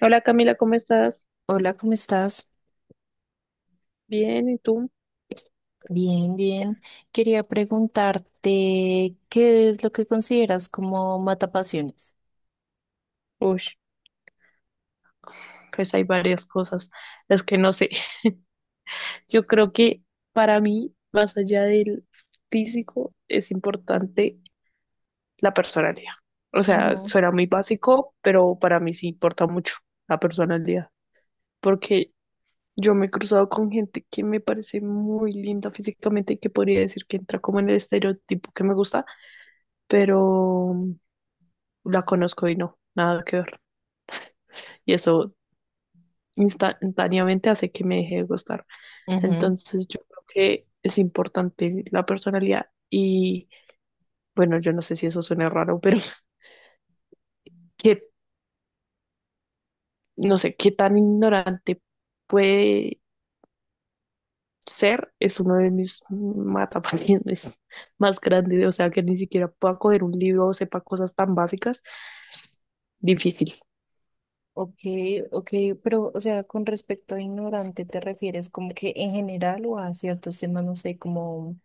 Hola Camila, ¿cómo estás? Hola, ¿cómo estás? Bien, ¿y tú? Bien. Quería preguntarte, ¿qué es lo que consideras como matapasiones? Uy, pues hay varias cosas, las que no sé. Yo creo que para mí, más allá del físico, es importante la personalidad. O sea, Ujú. suena muy básico, pero para mí sí importa mucho la personalidad, porque yo me he cruzado con gente que me parece muy linda físicamente y que podría decir que entra como en el estereotipo que me gusta, pero la conozco y no, nada que ver. Y eso instantáneamente hace que me deje de gustar. Ujú. Entonces yo creo que es importante la personalidad y bueno, yo no sé si eso suena raro, pero que no sé qué tan ignorante puede ser es uno de mis matapasiones más grandes, o sea, que ni siquiera pueda coger un libro o sepa cosas tan básicas, difícil Ok, ok, pero, o sea, con respecto a ignorante, ¿te refieres como que en general o a ciertos temas, no sé, como,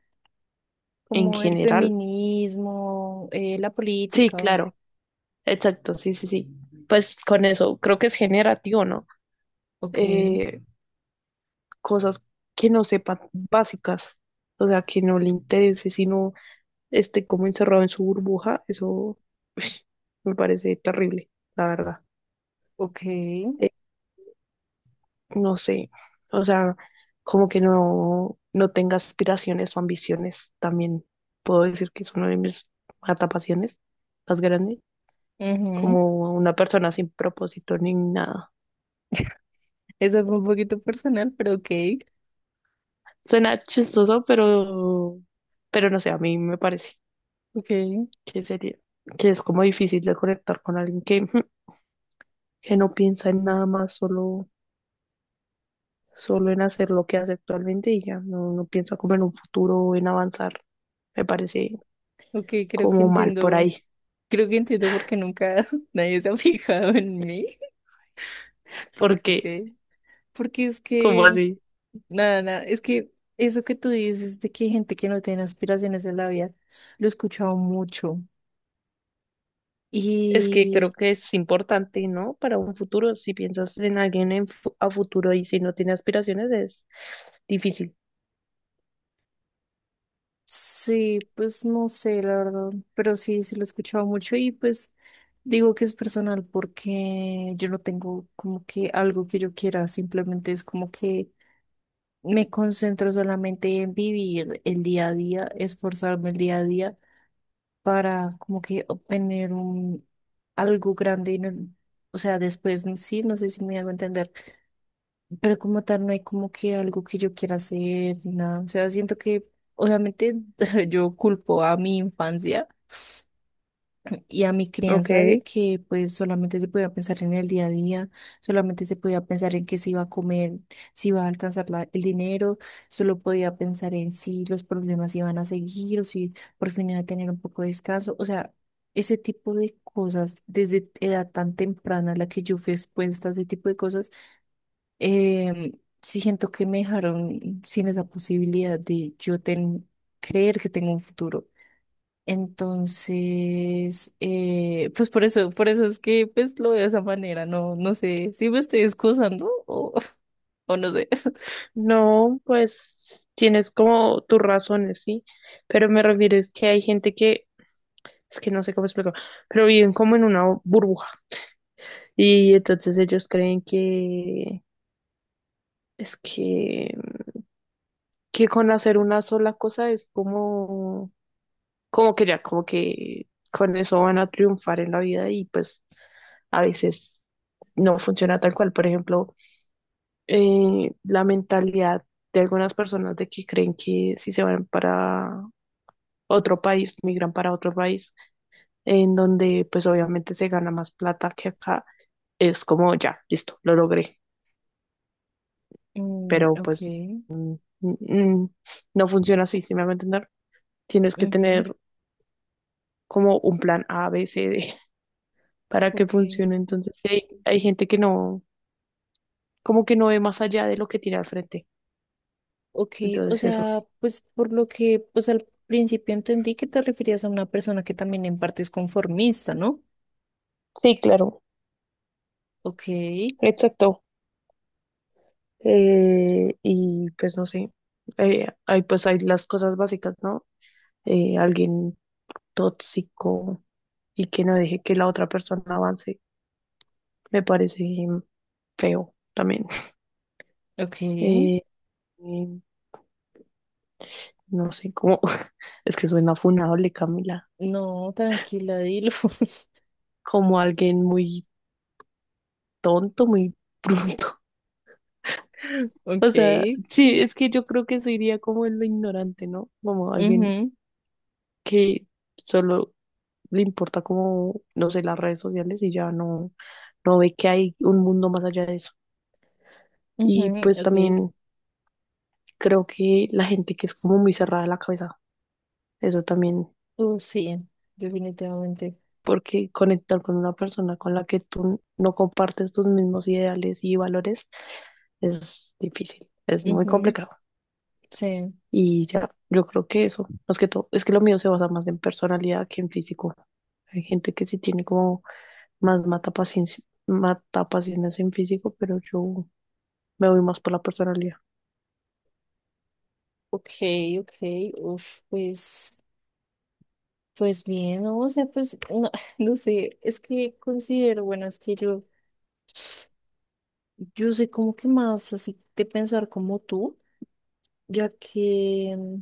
en como el general. feminismo, la Sí, política? claro, exacto, sí, sí, sí. Pues con eso creo que es generativo, ¿no? Ok, Eh, cosas que no sepa básicas, o sea, que no le interese, sino esté como encerrado en su burbuja, eso me parece terrible, la verdad. ok. Eh, no sé, o sea, como que no tenga aspiraciones o ambiciones, también puedo decir que es una de mis matapasiones más grandes, Ujú. como una persona sin propósito ni nada. Eso fue un poquito personal, pero ok. Suena chistoso, pero no sé, a mí me parece. ok, Que sería, que es como difícil de conectar con alguien que, ujú, que no piensa en nada más, solo, solo en hacer lo que hace actualmente y ya no piensa como en un futuro o en avanzar. Me parece ok, creo que como mal por entiendo. ahí, Creo que entiendo por qué nunca nadie se ha fijado en mí, porque ¿ok? Porque es como que, así? nada, es que eso que tú dices de que hay gente que no tiene aspiraciones en la vida, lo he escuchado mucho. Es que Y creo que es importante, ¿no? Para un futuro, si piensas en alguien en a futuro y si no tiene aspiraciones, es difícil. sí, pues no sé, la verdad, pero sí, sí lo he escuchado mucho y pues digo que es personal porque yo no tengo como que algo que yo quiera, simplemente es como que me concentro solamente en vivir el día a día, esforzarme el día a día para como que obtener un algo grande en o sea, después en sí, no sé si me hago entender, pero como tal no hay como que algo que yo quiera hacer ni nada, o sea, siento que obviamente yo culpo a mi infancia y a mi Ok, crianza de que pues solamente se podía pensar en el día a día, solamente se podía pensar en qué se iba a comer, si iba a alcanzar el dinero, solo podía pensar en si los problemas iban a seguir o si por fin iba a tener un poco de descanso, o sea, ese tipo de cosas desde edad tan temprana a la que yo fui expuesta a ese tipo de cosas, eh, sí siento que me dejaron sin esa posibilidad de yo creer que tengo un futuro. Entonces, pues por eso es que pues lo veo de esa manera, no, no sé si me estoy excusando o, o no sé. no, pues tienes como tus razones, sí, pero me refiero es que hay gente que es que no sé cómo explicarlo, pero viven como en una burbuja. Y entonces ellos creen que es que con hacer una sola cosa es como, como que ya, como que con eso van a triunfar en la vida y pues a veces no funciona tal cual. Por ejemplo, la mentalidad de algunas personas de que creen que si se van para otro país, migran para otro país, en donde pues obviamente se gana más plata que acá, es como ya, listo, lo logré. Pero ok. pues mm, no funciona así, ¿si me hago entender? Tienes que Ujú. tener como un plan A, B, C, D para que ok, funcione. Entonces, sí hay gente que no, como que no ve más allá de lo que tiene al frente. ok, o Entonces, eso sea, sí. pues por lo que, pues al principio entendí que te referías a una persona que también en parte es conformista, ¿no? Sí, claro, Ok. exacto. Y pues no sé, hay, pues hay las cosas básicas, ¿no? Alguien tóxico y que no deje que la otra persona avance, me parece feo también. Ok, Eh, no sé cómo, es que suena funable, Camila, no, tranquila, dilo. como alguien muy tonto, muy bruto. O Ok. sea, sí, es que yo creo que eso iría como en lo ignorante, ¿no? Como alguien Ujú. que solo le importa como, no sé, las redes sociales y ya no ve que hay un mundo más allá de eso. Y Ujú. pues Ok. también creo que la gente que es como muy cerrada de la cabeza, eso también Oh sí, definitivamente. porque conectar con una persona con la que tú no compartes tus mismos ideales y valores es difícil, es muy Ujú, complicado. sí. Y ya, yo creo que eso, más que todo, es que lo mío se basa más en personalidad que en físico. Hay gente que sí tiene como más mata paciencia, mata pasiones en físico, pero yo me voy más por la personalidad. Ok, ok, uf, pues, pues bien, ¿no? O sea, pues, no, no sé, es que considero, bueno, es que yo soy como que más así de pensar como tú, ya que,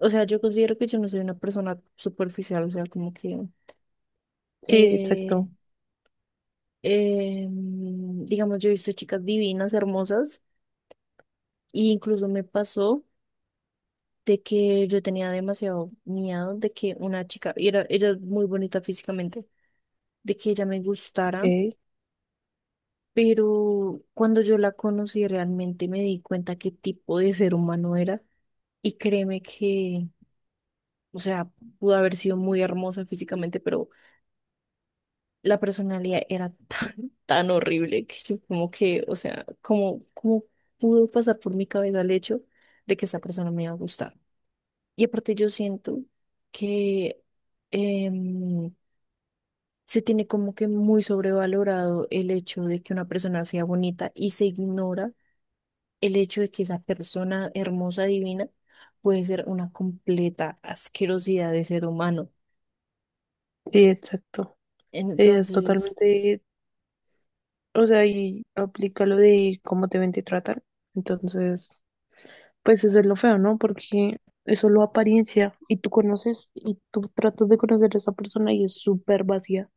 o sea, yo considero que yo no soy una persona superficial, o sea, como que, Sí, eh, exacto. Digamos, yo he visto chicas divinas, hermosas, e incluso me pasó de que yo tenía demasiado miedo de que una chica, y era, ella es muy bonita físicamente de que ella me gustara, Ok, pero cuando yo la conocí realmente me di cuenta qué tipo de ser humano era y créeme que, o sea, pudo haber sido muy hermosa físicamente, pero la personalidad era tan, tan horrible que yo como que, o sea, como, como pudo pasar por mi cabeza el hecho de que esta persona me iba a gustar. Y aparte yo siento que... em, se tiene como que muy sobrevalorado el hecho de que una persona sea bonita y se ignora el hecho de que esa persona hermosa, divina, puede ser una completa asquerosidad de ser humano. sí, exacto. Es Entonces, totalmente, o sea, y aplica lo de cómo te ven, te tratan. Entonces, pues eso es lo feo, ¿no? Porque es solo apariencia y tú conoces y tú tratas de conocer a esa persona y es súper vacía.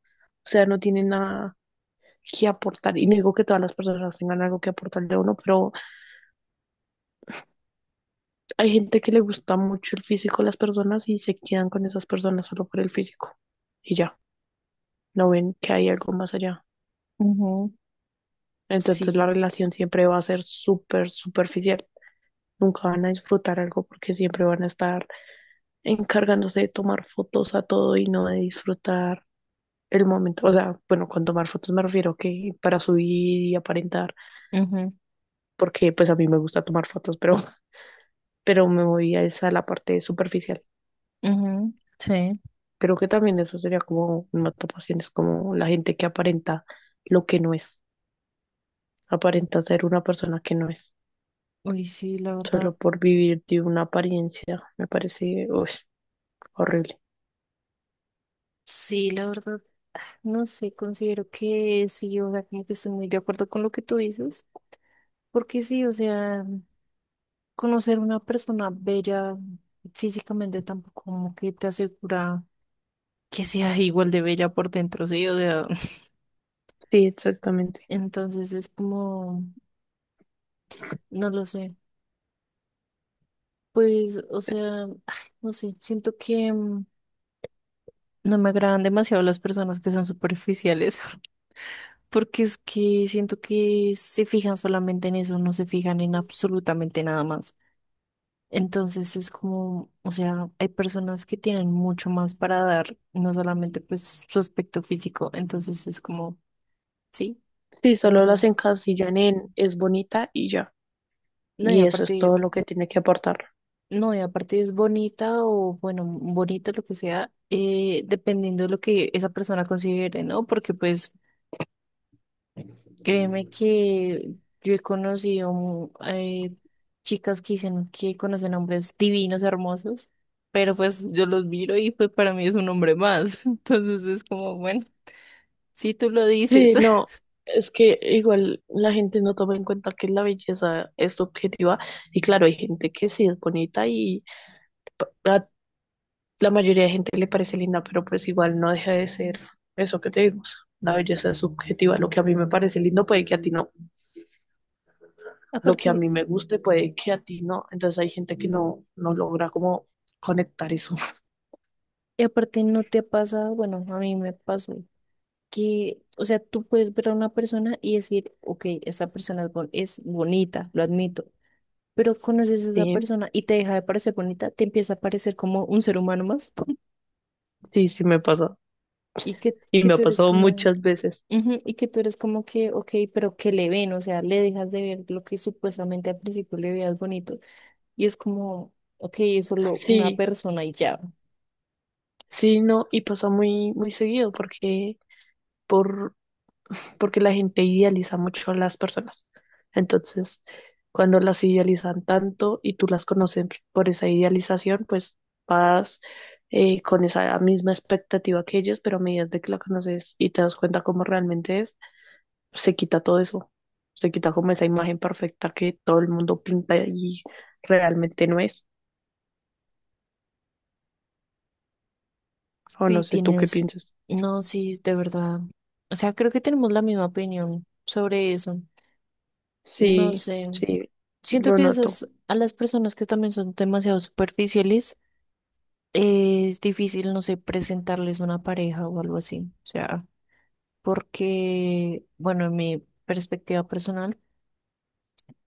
O sea, no tiene nada que aportar. Y no digo que todas las personas tengan algo que aportarle a uno, pero hay gente que le gusta mucho el físico de las personas y se quedan con esas personas solo por el físico. Y ya, no ven que hay algo más allá. Ujú. Entonces la Sí. relación siempre va a ser súper superficial. Nunca van a disfrutar algo porque siempre van a estar encargándose de tomar fotos a todo y no de disfrutar el momento, o sea, bueno, con tomar fotos me refiero que para subir y aparentar, Ujú. porque pues a mí me gusta tomar fotos, pero, pero me voy a esa la parte superficial. Ujú. Sí. Creo que también eso sería como una tapación, es como la gente que aparenta lo que no es, aparenta ser una persona que no es, Uy, sí, la verdad. solo por vivir de una apariencia, me parece uy, horrible. Sí, la verdad, no sé, considero que sí, o sea, como que estoy muy de acuerdo con lo que tú dices, porque sí, o sea, conocer una persona bella físicamente tampoco como que te asegura que sea igual de bella por dentro, sí, o sea, Sí, exactamente. entonces es como... No lo sé. Pues, o sea, ay, no sé, siento que no me agradan demasiado las personas que son superficiales, porque es que siento que se fijan solamente en eso, no se fijan en absolutamente nada más. Entonces es como, o sea, hay personas que tienen mucho más para dar, no solamente pues su aspecto físico, entonces es como, sí, Sí, no solo sé. las encasillan en es bonita y ya, No, y y eso es todo aparte. lo que tiene que aportar. No, y aparte es bonita o, bueno, bonita lo que sea, dependiendo de lo que esa persona considere, ¿no? Porque pues créeme que yo he conocido chicas que dicen que conocen hombres divinos, hermosos, pero pues yo los miro y pues para mí es un hombre más. Entonces es como, bueno, si tú lo dices. Sí, no, es que igual la gente no toma en cuenta que la belleza es subjetiva y claro, hay gente que sí es bonita y a la mayoría de gente le parece linda, pero pues igual no deja de ser eso que te digo, o sea, la belleza es subjetiva, lo que a mí me parece lindo puede que a ti no, lo que Aparte, a mí me guste puede que a ti no, entonces hay gente que no logra como conectar eso. y aparte no te ha pasado, bueno, a mí me pasó. Que, o sea, tú puedes ver a una persona y decir, ok, esta persona es, es bonita, lo admito, pero conoces a esa Sí, persona y te deja de parecer bonita, te empieza a parecer como un ser humano más sí, sí me pasa y y que me ha tú eres pasado como, muchas veces. ujú, y que tú eres como que, ok, pero que le ven, o sea, le dejas de ver lo que supuestamente al principio le veías bonito y es como, ok, es solo una Sí, persona y ya. sí, no, y pasa muy, muy seguido porque por porque la gente idealiza mucho a las personas. Entonces, cuando las idealizan tanto y tú las conoces por esa idealización, pues vas con esa misma expectativa que ellos, pero a medida de que la conoces y te das cuenta cómo realmente es, se quita todo eso. Se quita como esa imagen perfecta que todo el mundo pinta y realmente no es. O no Sí, sé tú qué tienes, piensas. no, sí, de verdad. O sea, creo que tenemos la misma opinión sobre eso. No Sí, sé. sí, Siento lo que noto. esas, a las personas que también son demasiado superficiales, es difícil, no sé, presentarles una pareja o algo así. O sea, porque, bueno, en mi perspectiva personal,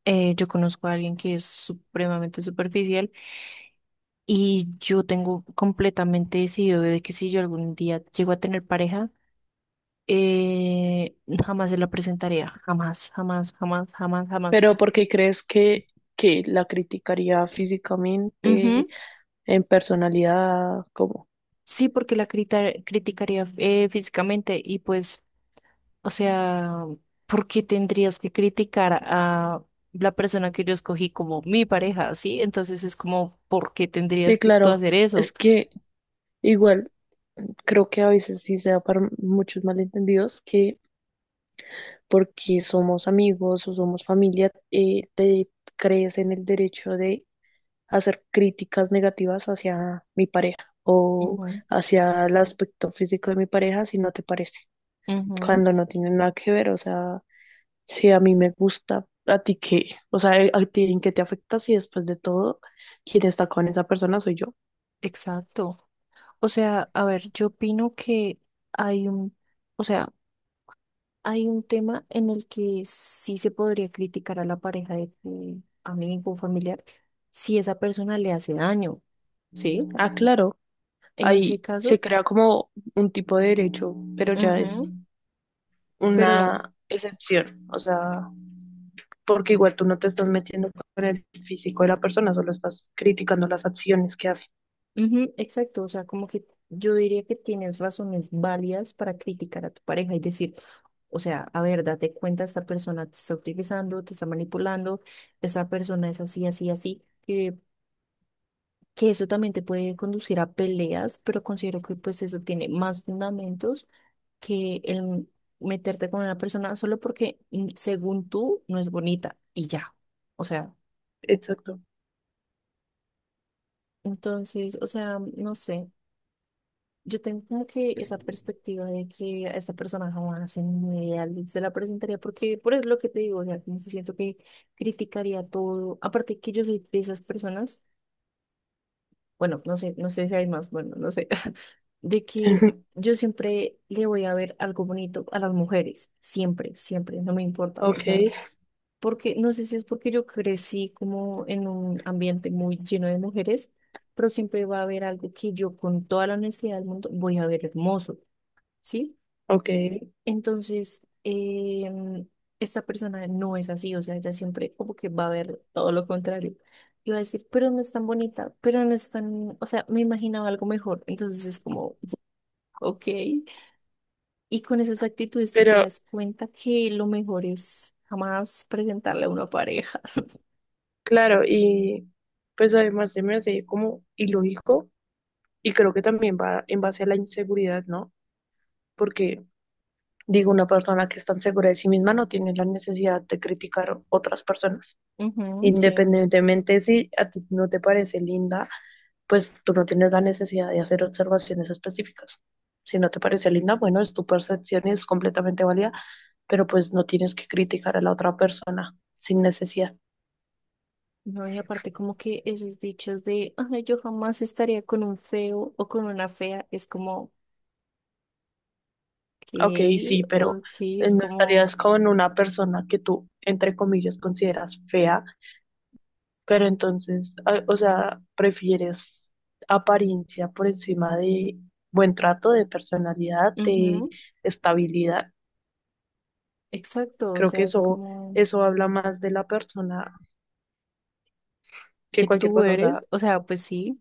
yo conozco a alguien que es supremamente superficial y yo tengo completamente decidido de que si yo algún día llego a tener pareja, eh, jamás se la presentaría. Jamás, jamás, jamás, jamás, jamás. Pero ¿por qué crees que la criticaría físicamente? Ujú. En personalidad, como. Sí, porque la criticaría físicamente y pues o sea, ¿por qué tendrías que criticar a la persona que yo escogí como mi pareja? ¿Sí? Entonces es como, ¿por qué Sí, tendrías que tú claro, hacer es eso? que igual creo que a veces sí se da para muchos malentendidos que porque somos amigos o somos familia, te crees en el derecho de hacer críticas negativas hacia mi pareja o Ujú. hacia el aspecto físico de mi pareja si no te parece, Ujú, cuando no tiene nada que ver, o sea, si a mí me gusta, a ti qué, o sea, a ti en qué te afecta si después de todo quien está con esa persona soy yo. exacto. O sea, a ver, yo opino que hay un, o sea, hay un tema en el que sí se podría criticar a la pareja de tu amigo o familiar si esa persona le hace daño, ¿sí? Ah, claro, En ese ahí se caso, crea como un tipo de derecho, pero ya es ujú, pero una excepción, o sea, porque igual tú no te estás metiendo con el físico de la persona, solo estás criticando las acciones que hace. ujú, exacto, o sea, como que yo diría que tienes razones válidas para criticar a tu pareja y decir, o sea, a ver, date cuenta, esta persona te está utilizando, te está manipulando, esta persona es así, así, así, que eso también te puede conducir a peleas, pero considero que pues eso tiene más fundamentos que el meterte con una persona solo porque según tú no es bonita y ya, o sea, Exacto. entonces, o sea, no sé. Yo tengo como que esa perspectiva de que a esta persona jamás en mi vida se la presentaría, porque por eso lo que te digo, o sea, como que siento que criticaría todo. Aparte que yo soy de esas personas, bueno, no sé, no sé si hay más, bueno, no sé, de que yo siempre le voy a ver algo bonito a las mujeres, siempre, siempre, no me importa, o Ok, sea, porque no sé si es porque yo crecí como en un ambiente muy lleno de mujeres, pero siempre va a haber algo que yo con toda la honestidad del mundo voy a ver hermoso. ¿Sí? ok, Entonces, esta persona no es así, o sea, ella siempre como que va a ver todo lo contrario. Y va a decir, pero no es tan bonita, pero no es tan, o sea, me imaginaba algo mejor. Entonces es como, ok. Y con esas actitudes tú te pero das cuenta que lo mejor es jamás presentarle a una pareja. claro, y pues además se me hace como ilógico y creo que también va en base a la inseguridad, ¿no? Porque digo, una persona que está segura de sí misma no tiene la necesidad de criticar otras personas. Ujú, sí. Independientemente si a ti no te parece linda, pues tú no tienes la necesidad de hacer observaciones específicas. Si no te parece linda, bueno, es tu percepción y es completamente válida, pero pues no tienes que criticar a la otra persona sin necesidad. No, y aparte como que esos dichos de, ay, yo jamás estaría con un feo o con una fea, es como, Ok, sí, ok, pero ok, es no como... estarías con una persona que tú, entre comillas, consideras fea, pero entonces, ah, o sea, prefieres apariencia por encima de buen trato, de personalidad, de Ujú. estabilidad. Exacto, o Creo que sea, es eso, como eso habla más de la persona que que cualquier tú cosa. O eres, sea, o sea, pues sí,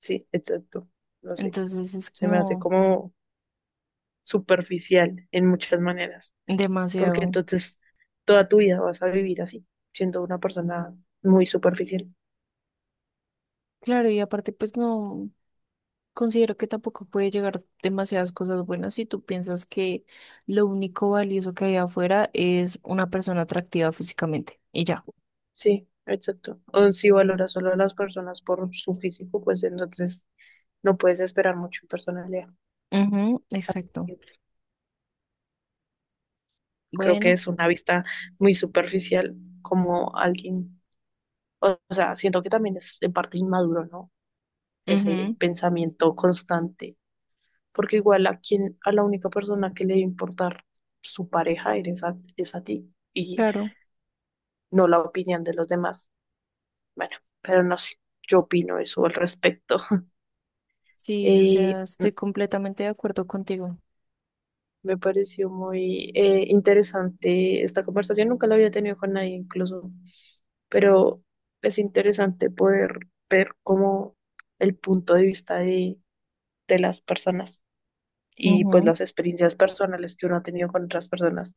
sí, exacto. No sé. entonces es Se me hace como como superficial en muchas maneras. Porque demasiado. entonces toda tu vida vas a vivir así, siendo una persona muy superficial. Claro, y aparte, pues no, considero que tampoco puede llegar demasiadas cosas buenas si tú piensas que lo único valioso que hay afuera es una persona atractiva físicamente y ya. Sí, exacto. O si valoras solo a las personas por su físico, pues entonces no puedes esperar mucho en personalidad. Ujú, exacto. Creo que Bueno, es una vista muy superficial como alguien, o sea, siento que también es de parte inmaduro, ¿no? Ese ujú, pensamiento constante, porque igual a quien, a la única persona que le debe importar su pareja eres a, es a ti y claro, no la opinión de los demás. Bueno, pero no sé, yo opino eso al respecto. sí, o Eh, sea, estoy m- completamente de acuerdo contigo. me pareció muy interesante esta conversación, nunca la había tenido con nadie incluso, pero es interesante poder ver cómo el punto de vista de las personas. Y pues Ujú, las experiencias personales que uno ha tenido con otras personas.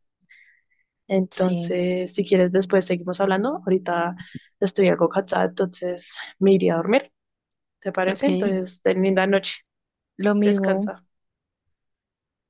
sí, Entonces, si quieres, después seguimos hablando. Ahorita estoy algo cansada, entonces me iría a dormir, ¿te parece? ok, Entonces, ten linda noche, lo mismo. descansa.